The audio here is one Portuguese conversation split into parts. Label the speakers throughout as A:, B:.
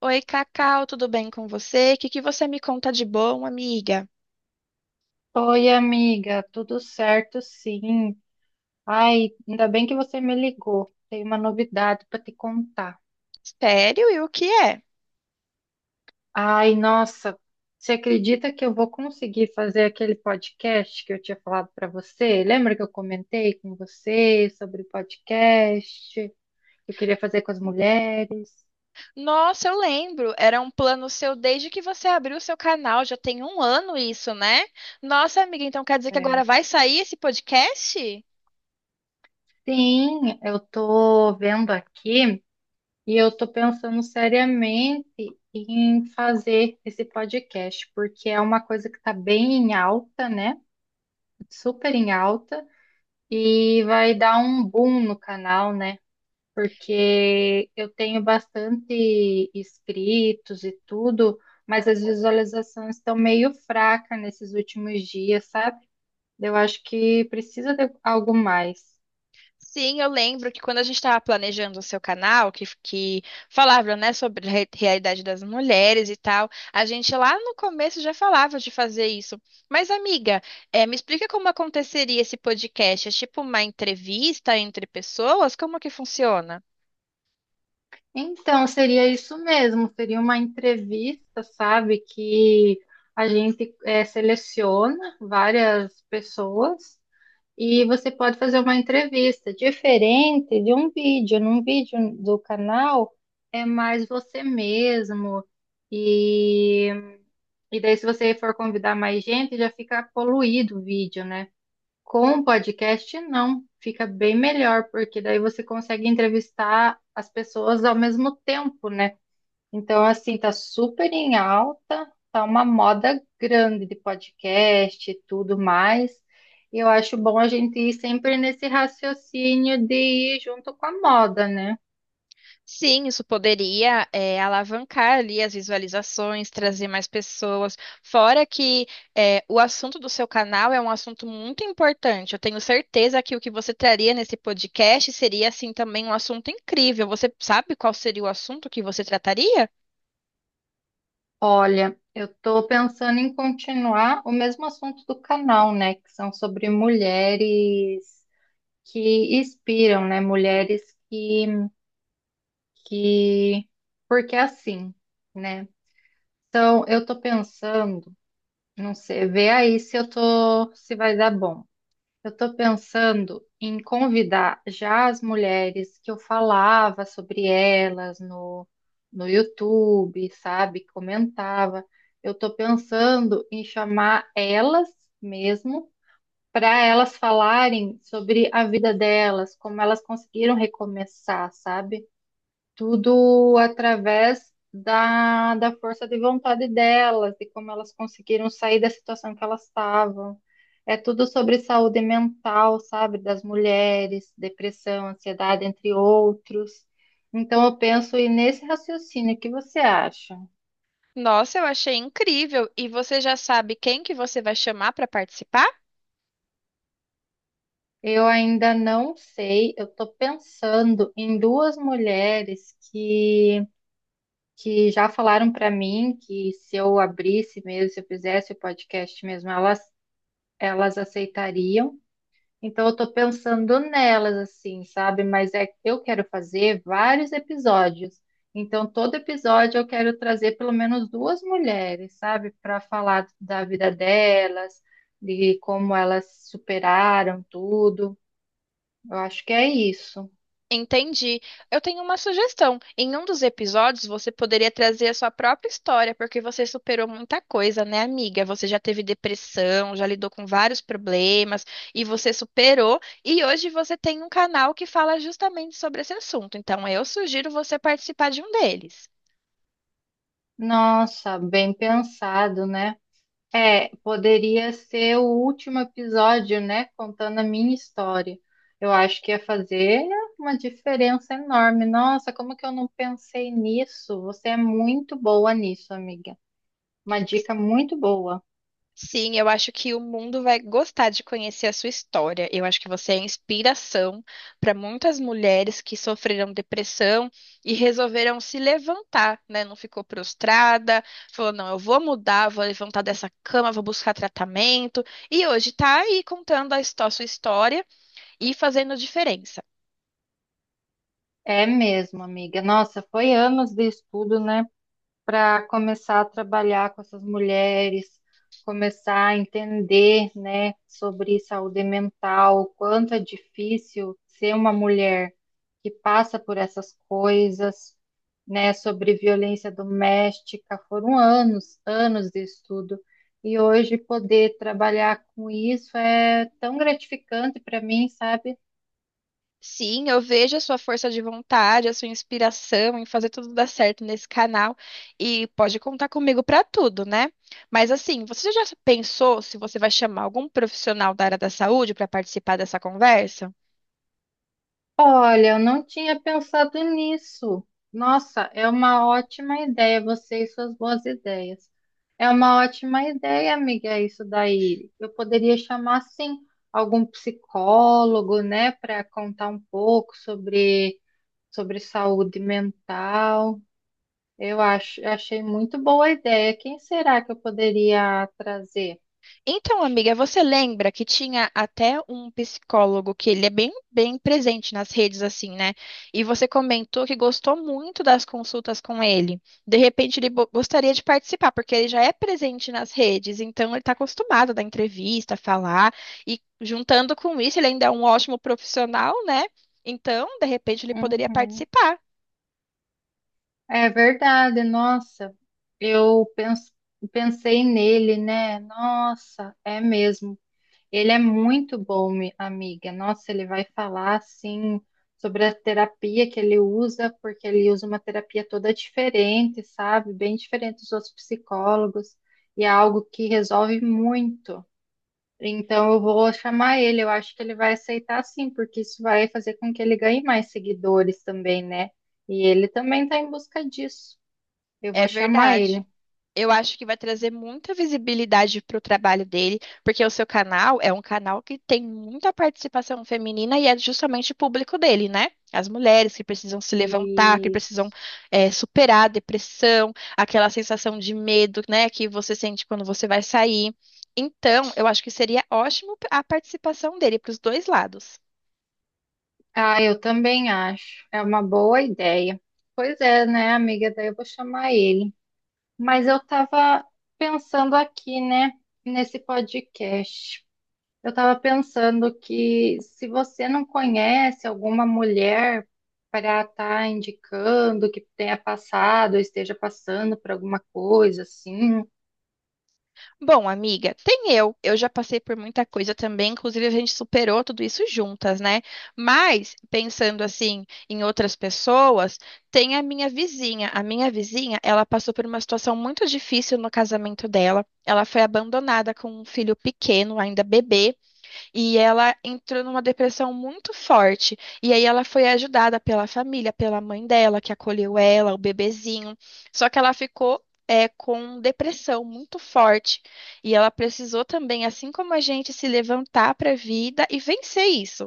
A: Oi, Cacau, tudo bem com você? O que que você me conta de bom, amiga?
B: Oi, amiga, tudo certo, sim. Ai, ainda bem que você me ligou. Tem uma novidade para te contar.
A: Sério? E o que é?
B: Ai, nossa, você acredita que eu vou conseguir fazer aquele podcast que eu tinha falado para você? Lembra que eu comentei com você sobre podcast que eu queria fazer com as mulheres?
A: Nossa, eu lembro, era um plano seu desde que você abriu o seu canal, já tem um ano isso, né? Nossa, amiga, então quer dizer que agora
B: É.
A: vai sair esse podcast?
B: Sim, eu tô vendo aqui. E eu estou pensando seriamente em fazer esse podcast, porque é uma coisa que está bem em alta, né? Super em alta, e vai dar um boom no canal, né? Porque eu tenho bastante inscritos e tudo, mas as visualizações estão meio fracas nesses últimos dias, sabe? Eu acho que precisa de algo mais.
A: Sim, eu lembro que quando a gente estava planejando o seu canal, que falava, né, sobre a realidade das mulheres e tal, a gente lá no começo já falava de fazer isso. Mas, amiga, me explica como aconteceria esse podcast? É tipo uma entrevista entre pessoas? Como que funciona?
B: Então, seria isso mesmo, seria uma entrevista, sabe, que a gente seleciona várias pessoas e você pode fazer uma entrevista diferente de um vídeo. Num vídeo do canal é mais você mesmo e, e daí se você for convidar mais gente já fica poluído o vídeo, né? Com o podcast não, fica bem melhor porque daí você consegue entrevistar as pessoas ao mesmo tempo, né? Então, assim, tá super em alta, tá uma moda grande de podcast e tudo mais. E eu acho bom a gente ir sempre nesse raciocínio de ir junto com a moda, né?
A: Sim, isso poderia alavancar ali as visualizações, trazer mais pessoas. Fora que o assunto do seu canal é um assunto muito importante. Eu tenho certeza que o que você traria nesse podcast seria, assim, também um assunto incrível. Você sabe qual seria o assunto que você trataria?
B: Olha, eu tô pensando em continuar o mesmo assunto do canal, né? Que são sobre mulheres que inspiram, né? Mulheres que, que... Porque é assim, né? Então, eu tô pensando. Não sei, vê aí se eu tô, se vai dar bom. Eu tô pensando em convidar já as mulheres que eu falava sobre elas no YouTube, sabe? Comentava. Eu tô pensando em chamar elas mesmo para elas falarem sobre a vida delas, como elas conseguiram recomeçar, sabe? Tudo através da força de vontade delas, de como elas conseguiram sair da situação que elas estavam. É tudo sobre saúde mental, sabe? Das mulheres, depressão, ansiedade, entre outros. Então, eu penso e nesse raciocínio, o que você acha?
A: Nossa, eu achei incrível. E você já sabe quem que você vai chamar para participar?
B: Eu ainda não sei, eu estou pensando em duas mulheres que já falaram para mim que se eu abrisse mesmo, se eu fizesse o podcast mesmo, elas aceitariam. Então eu tô pensando nelas assim, sabe? Mas é que eu quero fazer vários episódios. Então todo episódio eu quero trazer pelo menos duas mulheres, sabe, para falar da vida delas, de como elas superaram tudo. Eu acho que é isso.
A: Entendi. Eu tenho uma sugestão. Em um dos episódios, você poderia trazer a sua própria história, porque você superou muita coisa, né, amiga? Você já teve depressão, já lidou com vários problemas e você superou. E hoje você tem um canal que fala justamente sobre esse assunto. Então, eu sugiro você participar de um deles.
B: Nossa, bem pensado, né? É, poderia ser o último episódio, né? Contando a minha história. Eu acho que ia fazer uma diferença enorme. Nossa, como que eu não pensei nisso? Você é muito boa nisso, amiga. Uma dica muito boa.
A: Sim, eu acho que o mundo vai gostar de conhecer a sua história. Eu acho que você é inspiração para muitas mulheres que sofreram depressão e resolveram se levantar, né? Não ficou prostrada, falou: não, eu vou mudar, vou levantar dessa cama, vou buscar tratamento. E hoje tá aí contando a sua história e fazendo diferença.
B: É mesmo, amiga. Nossa, foi anos de estudo, né? Para começar a trabalhar com essas mulheres, começar a entender, né, sobre saúde mental, o quanto é difícil ser uma mulher que passa por essas coisas, né, sobre violência doméstica. Foram anos, anos de estudo. E hoje poder trabalhar com isso é tão gratificante para mim, sabe?
A: Sim, eu vejo a sua força de vontade, a sua inspiração em fazer tudo dar certo nesse canal e pode contar comigo para tudo, né? Mas assim, você já pensou se você vai chamar algum profissional da área da saúde para participar dessa conversa?
B: Olha, eu não tinha pensado nisso. Nossa, é uma ótima ideia, você e suas boas ideias. É uma ótima ideia, amiga, isso daí. Eu poderia chamar, sim, algum psicólogo, né, para contar um pouco sobre saúde mental. Eu acho, achei muito boa a ideia. Quem será que eu poderia trazer?
A: Então, amiga, você lembra que tinha até um psicólogo que ele é bem presente nas redes, assim, né? E você comentou que gostou muito das consultas com ele. De repente, ele gostaria de participar, porque ele já é presente nas redes, então ele está acostumado a dar entrevista, falar, e juntando com isso, ele ainda é um ótimo profissional, né? Então, de repente, ele poderia
B: Uhum.
A: participar.
B: É verdade, nossa, eu pens- pensei nele, né? Nossa, é mesmo. Ele é muito bom, amiga. Nossa, ele vai falar assim sobre a terapia que ele usa, porque ele usa uma terapia toda diferente, sabe? Bem diferente dos outros psicólogos, e é algo que resolve muito. Então, eu vou chamar ele. Eu acho que ele vai aceitar sim, porque isso vai fazer com que ele ganhe mais seguidores também, né? E ele também está em busca disso. Eu
A: É
B: vou chamar
A: verdade.
B: ele.
A: Eu acho que vai trazer muita visibilidade para o trabalho dele, porque o seu canal é um canal que tem muita participação feminina e é justamente o público dele, né? As mulheres que precisam se levantar, que precisam
B: Isso.
A: superar a depressão, aquela sensação de medo, né, que você sente quando você vai sair. Então, eu acho que seria ótimo a participação dele para os dois lados.
B: Ah, eu também acho. É uma boa ideia. Pois é, né, amiga? Daí eu vou chamar ele. Mas eu tava pensando aqui, né, nesse podcast. Eu tava pensando que se você não conhece alguma mulher para estar indicando que tenha passado ou esteja passando por alguma coisa assim.
A: Bom, amiga, tem eu. Eu já passei por muita coisa também, inclusive a gente superou tudo isso juntas, né? Mas, pensando assim em outras pessoas, tem a minha vizinha. A minha vizinha, ela passou por uma situação muito difícil no casamento dela. Ela foi abandonada com um filho pequeno, ainda bebê. E ela entrou numa depressão muito forte. E aí ela foi ajudada pela família, pela mãe dela, que acolheu ela, o bebezinho. Só que ela ficou. É, com depressão muito forte. E ela precisou também, assim como a gente, se levantar para a vida e vencer isso.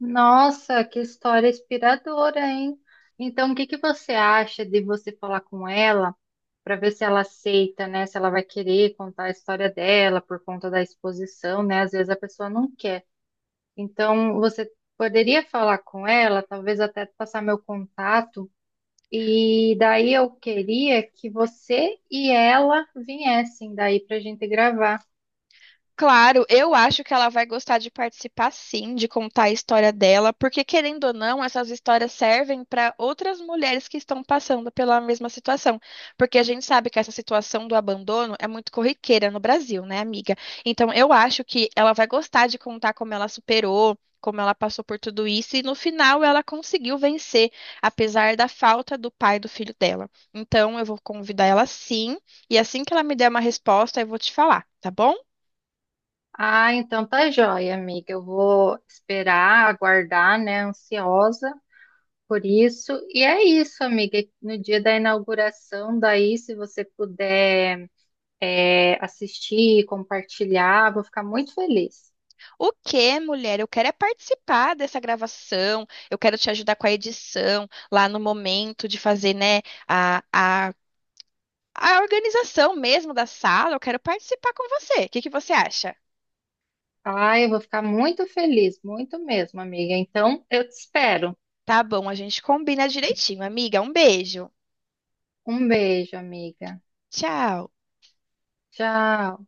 B: Nossa, que história inspiradora, hein? Então, o que que você acha de você falar com ela para ver se ela aceita, né? Se ela vai querer contar a história dela por conta da exposição, né? Às vezes a pessoa não quer. Então, você poderia falar com ela, talvez até passar meu contato, e daí eu queria que você e ela viessem daí para a gente gravar.
A: Claro, eu acho que ela vai gostar de participar sim, de contar a história dela, porque querendo ou não, essas histórias servem para outras mulheres que estão passando pela mesma situação. Porque a gente sabe que essa situação do abandono é muito corriqueira no Brasil, né, amiga? Então eu acho que ela vai gostar de contar como ela superou, como ela passou por tudo isso, e no final ela conseguiu vencer, apesar da falta do pai e do filho dela. Então eu vou convidar ela sim, e assim que ela me der uma resposta, eu vou te falar, tá bom?
B: Ah, então tá joia, amiga. Eu vou esperar, aguardar, né? Ansiosa por isso. E é isso, amiga. No dia da inauguração, daí, se você puder assistir, compartilhar, vou ficar muito feliz.
A: O quê, mulher? Eu quero é participar dessa gravação, eu quero te ajudar com a edição, lá no momento de fazer, né, a, a, a organização mesmo da sala, eu quero participar com você. O que que você acha?
B: Ah, eu vou ficar muito feliz, muito mesmo, amiga. Então, eu te espero.
A: Tá bom, a gente combina direitinho, amiga. Um beijo.
B: Um beijo, amiga.
A: Tchau.
B: Tchau.